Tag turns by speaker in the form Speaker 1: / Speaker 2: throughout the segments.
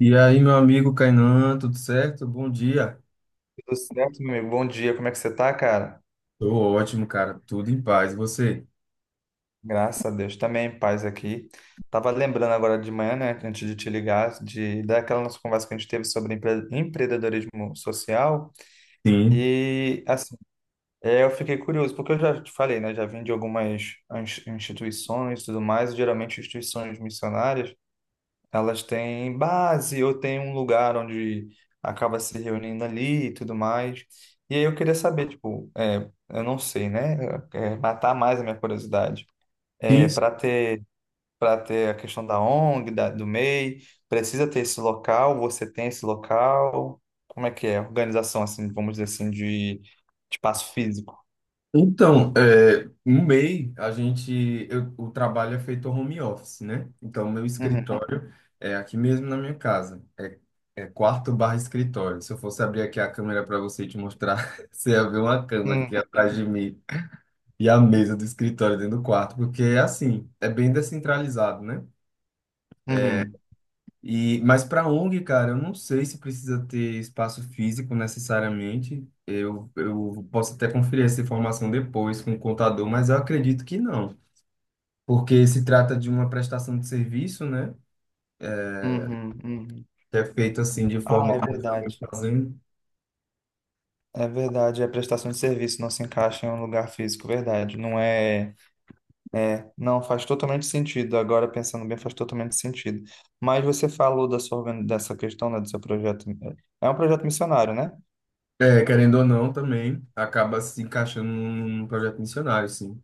Speaker 1: E aí, meu amigo Kainan, tudo certo? Bom dia.
Speaker 2: Tudo certo, meu amigo? Bom dia, como é que você tá, cara?
Speaker 1: Tô ótimo, cara. Tudo em paz. E você?
Speaker 2: Graças a Deus, também, paz aqui. Tava lembrando agora de manhã, né, antes de te ligar, de daquela nossa conversa que a gente teve sobre empreendedorismo social.
Speaker 1: Sim.
Speaker 2: E, assim, eu fiquei curioso, porque eu já te falei, né, já vim de algumas instituições e tudo mais, geralmente instituições missionárias. Elas têm base ou têm um lugar onde acaba se reunindo ali e tudo mais. E aí eu queria saber, tipo, eu não sei, né? É, matar mais a minha curiosidade. É,
Speaker 1: Sim. Sim.
Speaker 2: para ter, para ter a questão da ONG, do MEI, precisa ter esse local, você tem esse local. Como é que é? Organização, assim, vamos dizer assim, de, espaço físico.
Speaker 1: Então, é, no MEI, a gente, o trabalho é feito home office, né? Então, meu
Speaker 2: Uhum,
Speaker 1: escritório é aqui mesmo na minha casa. é quarto barra escritório. Se eu fosse abrir aqui a câmera para você e te mostrar, você ia ver uma cama aqui
Speaker 2: uhum,
Speaker 1: atrás de mim e a mesa do escritório dentro do quarto, porque é assim, é bem descentralizado, né?
Speaker 2: uhum,
Speaker 1: E, mas para ONG, cara, eu não sei se precisa ter espaço físico necessariamente. Eu posso até conferir essa informação depois com o contador, mas eu acredito que não, porque se trata de uma prestação de serviço, né?
Speaker 2: uhum, uhum.
Speaker 1: Que é feita assim de
Speaker 2: Ah,
Speaker 1: forma
Speaker 2: é
Speaker 1: como eu já venho
Speaker 2: verdade.
Speaker 1: fazendo.
Speaker 2: É verdade, é a prestação de serviço não se encaixa em um lugar físico, verdade. Não faz totalmente sentido. Agora pensando bem, faz totalmente sentido. Mas você falou da sua, dessa questão, né, do seu projeto. É um projeto missionário, né?
Speaker 1: É, querendo ou não, também acaba se encaixando num projeto missionário, sim.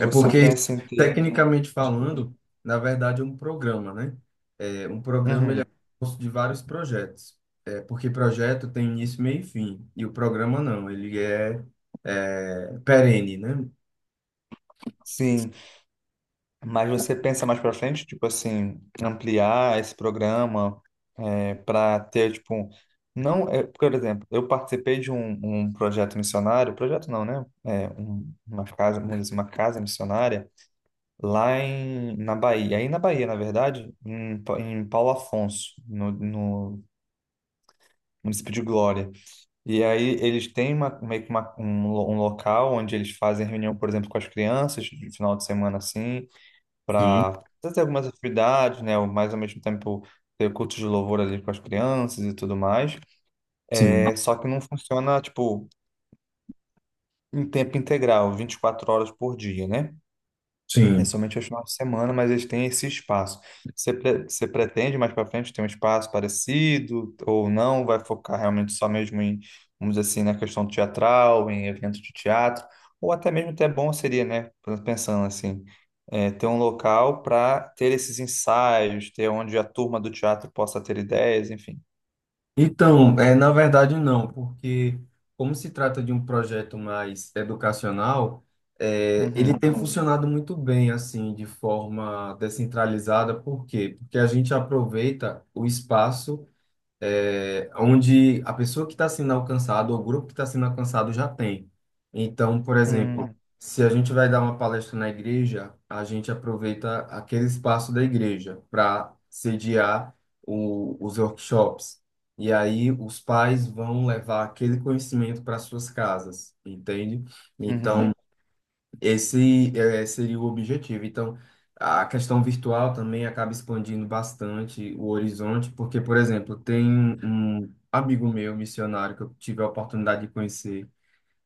Speaker 1: É porque,
Speaker 2: pensa em ter,
Speaker 1: tecnicamente falando, na verdade é um programa, né? É, um programa ele é
Speaker 2: uhum,
Speaker 1: composto de vários projetos. É, porque projeto tem início, meio e fim. E o programa não, ele é, é perene, né?
Speaker 2: sim. Mas você pensa mais para frente, tipo assim, ampliar esse programa para ter, tipo, não, é, por exemplo, eu participei de um projeto missionário, projeto não, né? É, uma casa, vamos dizer, assim, uma casa missionária lá na Bahia, aí na Bahia, na verdade, em Paulo Afonso, no município de Glória. E aí eles têm meio que um local onde eles fazem reunião, por exemplo, com as crianças, de final de semana assim
Speaker 1: Sim.
Speaker 2: para fazer algumas atividades, né? Mas ao mesmo tempo ter culto de louvor ali com as crianças e tudo mais.
Speaker 1: Sim,
Speaker 2: É, só que não funciona, tipo, em tempo integral, 24 horas por dia, né? É
Speaker 1: sim.
Speaker 2: somente aos finais de semana, mas eles têm esse espaço. Você pretende mais para frente ter um espaço parecido ou não? Vai focar realmente só mesmo em, vamos dizer assim, na questão teatral, em eventos de teatro? Ou até mesmo até bom seria, né? Pensando assim, ter um local para ter esses ensaios, ter onde a turma do teatro possa ter ideias, enfim.
Speaker 1: Então, é, na verdade não, porque como se trata de um projeto mais educacional, é, ele
Speaker 2: Uhum,
Speaker 1: tem funcionado muito bem, assim, de forma descentralizada. Por quê? Porque a gente aproveita o espaço é, onde a pessoa que está sendo alcançada, ou o grupo que está sendo alcançado já tem. Então, por exemplo,
Speaker 2: uhum,
Speaker 1: se a gente vai dar uma palestra na igreja, a gente aproveita aquele espaço da igreja para sediar os workshops. E aí os pais vão levar aquele conhecimento para suas casas, entende?
Speaker 2: uhum,
Speaker 1: Então, esse é, seria o objetivo. Então, a questão virtual também acaba expandindo bastante o horizonte, porque, por exemplo, tem um amigo meu, missionário, que eu tive a oportunidade de conhecer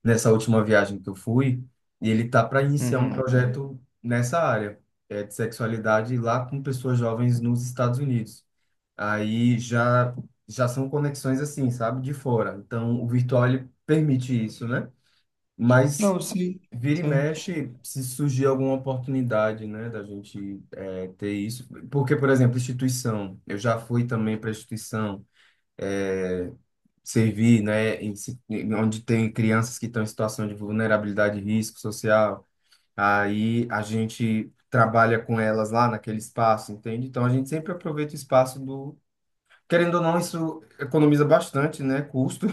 Speaker 1: nessa última viagem que eu fui, e ele está para iniciar um
Speaker 2: uhum.
Speaker 1: projeto nessa área, é, de sexualidade lá com pessoas jovens nos Estados Unidos. Aí já, são conexões assim, sabe, de fora. Então, o virtual ele permite isso, né? Mas
Speaker 2: Não, sim,
Speaker 1: vira e
Speaker 2: sim.
Speaker 1: mexe, se surgir alguma oportunidade, né, da gente é, ter isso. Porque, por exemplo, instituição. Eu já fui também para instituição é, servir, né, onde tem crianças que estão em situação de vulnerabilidade e risco social. Aí a gente trabalha com elas lá naquele espaço, entende? Então a gente sempre aproveita o espaço do. Querendo ou não, isso economiza bastante, né, custo,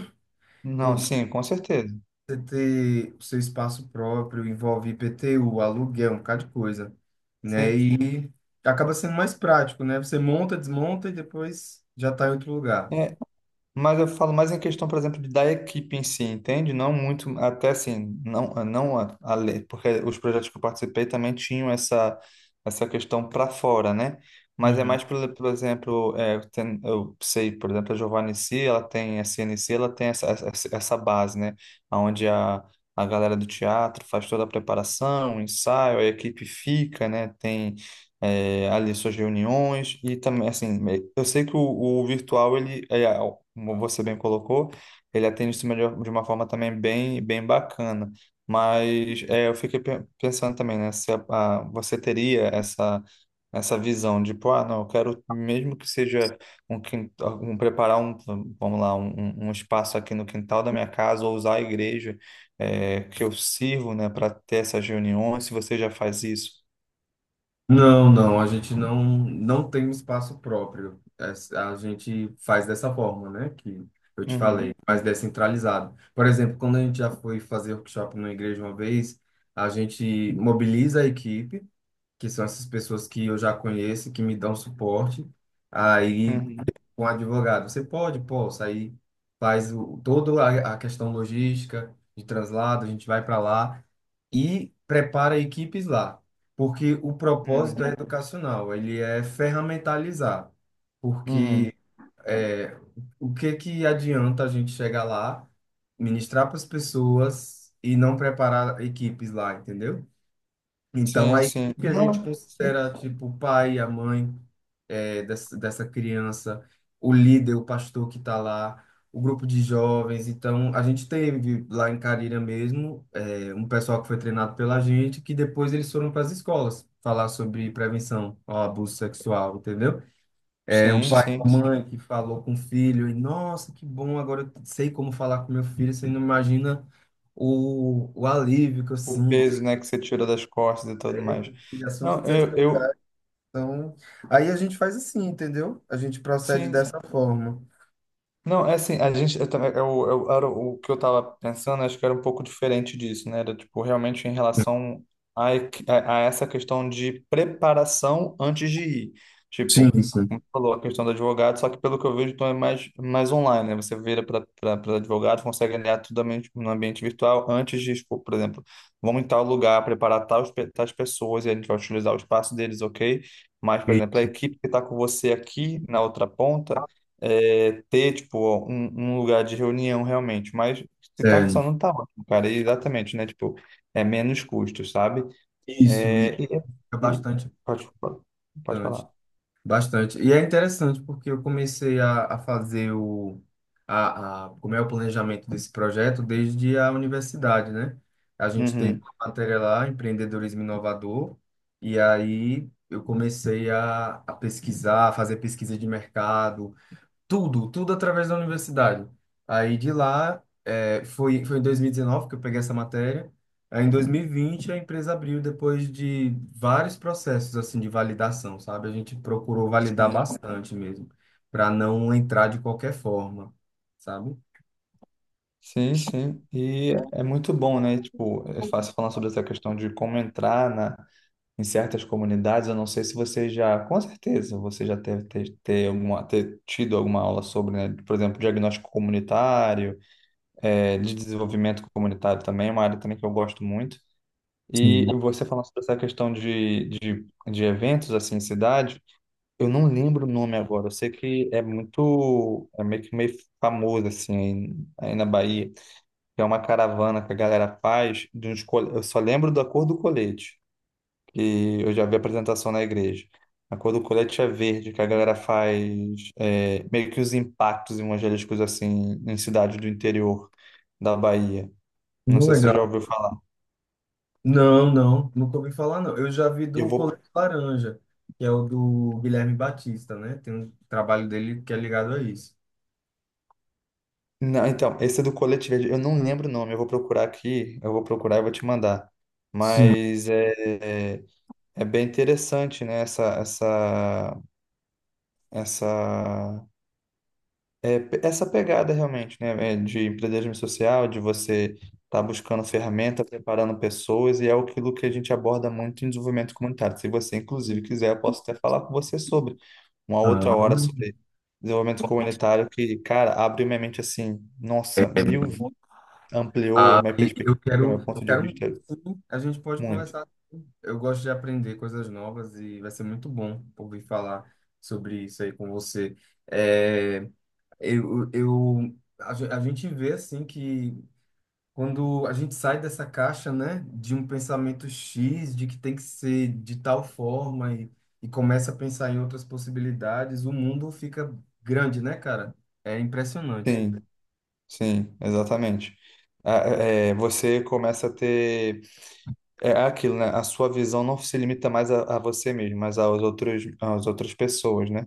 Speaker 2: Não, sim, com certeza.
Speaker 1: você ter o seu espaço próprio, envolve IPTU, aluguel, um bocado de coisa, né?
Speaker 2: Sim.
Speaker 1: E acaba sendo mais prático, né? Você monta, desmonta e depois já está em outro lugar.
Speaker 2: É, mas eu falo mais em questão, por exemplo, da equipe em si, entende? Não muito, até assim, não a, a lei, porque os projetos que eu participei também tinham essa, essa questão para fora, né? Mas é
Speaker 1: Uhum.
Speaker 2: mais, por exemplo, eu sei, por exemplo, a Giovanni C, ela tem, a CNC, ela tem essa base, né? Onde a galera do teatro faz toda a preparação, o ensaio, a equipe fica, né? Tem ali suas reuniões e também assim eu sei que o virtual como você bem colocou ele atende isso melhor de uma forma também bem bacana, mas é, eu fiquei pensando também, né, se você teria essa essa visão de pô, ah, não, eu quero mesmo que seja quintal, um preparar um, vamos lá, um espaço aqui no quintal da minha casa ou usar a igreja, é, que eu sirvo, né, para ter essas reuniões, se você já faz isso.
Speaker 1: Não, não, a gente não, não tem um espaço próprio. É, a gente faz dessa forma, né? Que eu te falei,
Speaker 2: Uhum,
Speaker 1: mais descentralizado. Por exemplo, quando a gente já foi fazer workshop numa igreja uma vez, a gente mobiliza a equipe, que são essas pessoas que eu já conheço, que me dão suporte. Aí
Speaker 2: uhum.
Speaker 1: com o advogado. Você pode, pô, sair, faz o, toda a questão logística de translado, a gente vai para lá e prepara equipes lá, porque o propósito
Speaker 2: Uhum.
Speaker 1: é educacional, ele é ferramentalizar,
Speaker 2: Uhum.
Speaker 1: porque é, o que que adianta a gente chegar lá, ministrar para as pessoas e não preparar equipes lá, entendeu? Então,
Speaker 2: Sim,
Speaker 1: a
Speaker 2: sim.
Speaker 1: equipe a gente
Speaker 2: Não, sim,
Speaker 1: considera, tipo, o pai, a mãe eh, dessa, dessa criança, o líder, o pastor que está lá, o grupo de jovens. Então, a gente teve lá em Carilha mesmo eh, um pessoal que foi treinado pela gente, que depois eles foram para as escolas falar sobre prevenção ao abuso sexual, entendeu? É um
Speaker 2: sim,
Speaker 1: pai e
Speaker 2: sim.
Speaker 1: uma mãe que falou com o filho, e nossa, que bom, agora eu sei como falar com meu filho, você não imagina o alívio que eu
Speaker 2: O
Speaker 1: sinto.
Speaker 2: peso, né, que você tira das costas e tudo mais.
Speaker 1: E assunto
Speaker 2: Não,
Speaker 1: sexual.
Speaker 2: eu
Speaker 1: Então, aí a gente faz assim, entendeu? A gente procede
Speaker 2: Sim.
Speaker 1: dessa forma.
Speaker 2: Não, é assim, a gente, eu também, eu- era o que eu estava pensando, acho que era um pouco diferente disso, né? Era, tipo, realmente em relação a essa questão de preparação antes de ir. Tipo,
Speaker 1: Sim, sim.
Speaker 2: como você falou, a questão do advogado, só que pelo que eu vejo, então é mais, mais online, né? Você vira para advogado, consegue alinhar tudo no ambiente virtual antes de, tipo, por exemplo, vamos em tal lugar, preparar tais pessoas e a gente vai utilizar o espaço deles, ok? Mas, por
Speaker 1: E-
Speaker 2: exemplo, a equipe que está com você aqui na outra ponta, é, ter, tipo, um lugar de reunião realmente. Mas se tá
Speaker 1: É,
Speaker 2: funcionando, tá ótimo, cara. E exatamente, né? Tipo, é menos custos, sabe?
Speaker 1: isso
Speaker 2: É,
Speaker 1: é
Speaker 2: e-
Speaker 1: bastante
Speaker 2: pode, pode
Speaker 1: importante.
Speaker 2: falar.
Speaker 1: Bastante. E é interessante porque eu comecei a fazer como é o planejamento desse projeto desde a universidade, né? A gente teve
Speaker 2: Uhum.
Speaker 1: uma matéria lá, empreendedorismo inovador, e aí eu comecei a pesquisar, a fazer pesquisa de mercado, tudo, tudo através da universidade. Aí de lá, é, foi em 2019 que eu peguei essa matéria. Aí em 2020 a empresa abriu depois de vários processos assim de validação, sabe? A gente procurou validar
Speaker 2: Sim,
Speaker 1: bastante mesmo, para não entrar de qualquer forma, sabe?
Speaker 2: sim, sim. E é muito bom, né? Tipo, é fácil falar sobre essa questão de como entrar na, em certas comunidades. Eu não sei se você já, com certeza, você já deve ter, ter, alguma, ter tido alguma aula sobre, né? Por exemplo, diagnóstico comunitário, é, de desenvolvimento comunitário também, é uma área também que eu gosto muito.
Speaker 1: Sim.
Speaker 2: E você falando sobre essa questão de eventos assim em cidade, eu não lembro o nome agora, eu sei que é muito, é meio que meio famoso assim aí, na Bahia, que é uma caravana que a galera faz, de uns, eu só lembro da cor do colete, que eu já vi apresentação na igreja. A cor do colete é verde, que a galera faz é, meio que os impactos evangélicos assim em cidades do interior da Bahia. Não
Speaker 1: Muito
Speaker 2: sei se você já
Speaker 1: legal.
Speaker 2: ouviu falar.
Speaker 1: Não, não, nunca ouvi falar não. Eu já vi
Speaker 2: Eu
Speaker 1: do
Speaker 2: vou.
Speaker 1: Colete Laranja, que é o do Guilherme Batista, né? Tem um trabalho dele que é ligado a isso.
Speaker 2: Não, então, esse é do Colete Verde. Eu não lembro o nome. Eu vou procurar aqui. Eu vou procurar e vou te mandar.
Speaker 1: Sim.
Speaker 2: Mas é bem interessante, né? Essa, essa pegada realmente, né? É, de empreendedorismo social, de você estar buscando ferramenta, preparando pessoas, e é aquilo que a gente aborda muito em desenvolvimento comunitário. Se você, inclusive, quiser, eu posso até falar com você sobre uma outra
Speaker 1: Ah,
Speaker 2: hora sobre desenvolvimento comunitário que, cara, abriu minha mente assim, nossa, mil, ampliou
Speaker 1: ah,
Speaker 2: minha
Speaker 1: e eu
Speaker 2: perspectiva,
Speaker 1: quero,
Speaker 2: meu
Speaker 1: eu
Speaker 2: ponto de
Speaker 1: quero muito,
Speaker 2: vista
Speaker 1: sim, a gente pode
Speaker 2: muito.
Speaker 1: conversar. Eu gosto de aprender coisas novas e vai ser muito bom ouvir falar sobre isso aí com você. É, a gente vê assim que quando a gente sai dessa caixa, né, de um pensamento X, de que tem que ser de tal forma e, começa a pensar em outras possibilidades, o mundo fica grande, né, cara? É impressionante.
Speaker 2: Sim, sim, exatamente. Ah, você começa a ter aquilo, né? A sua visão não se limita mais a você mesmo, mas aos outros, às outras pessoas, né?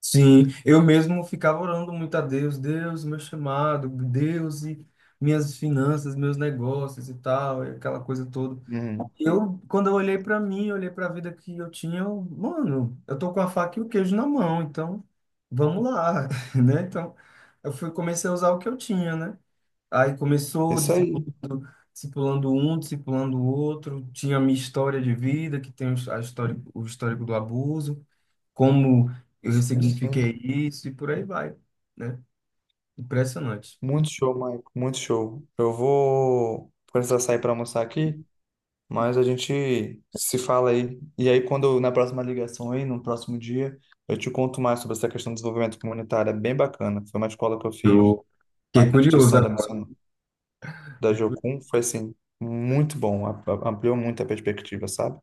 Speaker 1: Sim, eu mesmo ficava orando muito a Deus, Deus, meu chamado, Deus e minhas finanças, meus negócios e tal, e aquela coisa toda.
Speaker 2: Uhum.
Speaker 1: Eu, quando eu olhei para mim, olhei para a vida que eu tinha, eu, mano, eu tô com a faca e o queijo na mão, então vamos lá, né? Então, eu fui, comecei a usar o que eu tinha, né? Aí começou
Speaker 2: Isso aí.
Speaker 1: discipulando, discipulando um, discipulando o outro, tinha a minha história de vida, que tem a história, o histórico do abuso como eu
Speaker 2: Sim.
Speaker 1: ressignifiquei isso e por aí vai, né? Impressionante.
Speaker 2: Muito show, Maico. Muito show. Eu vou precisar sair para almoçar aqui. Mas a gente se fala aí. E aí, quando na próxima ligação aí, no próximo dia, eu te conto mais sobre essa questão do desenvolvimento comunitário. É bem bacana. Foi uma escola que eu fiz
Speaker 1: Eu
Speaker 2: na
Speaker 1: fiquei curioso
Speaker 2: instituição da
Speaker 1: agora.
Speaker 2: missão da
Speaker 1: Fiquei curioso.
Speaker 2: Jocum. Foi assim, muito bom. Ampliou muito a perspectiva, sabe?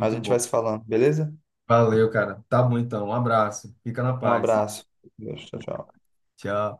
Speaker 2: Mas a gente
Speaker 1: bom.
Speaker 2: vai se falando, beleza?
Speaker 1: Valeu, cara. Tá bom então. Um abraço. Fica na
Speaker 2: Um
Speaker 1: paz.
Speaker 2: abraço. Deus, tchau, tchau.
Speaker 1: Tchau.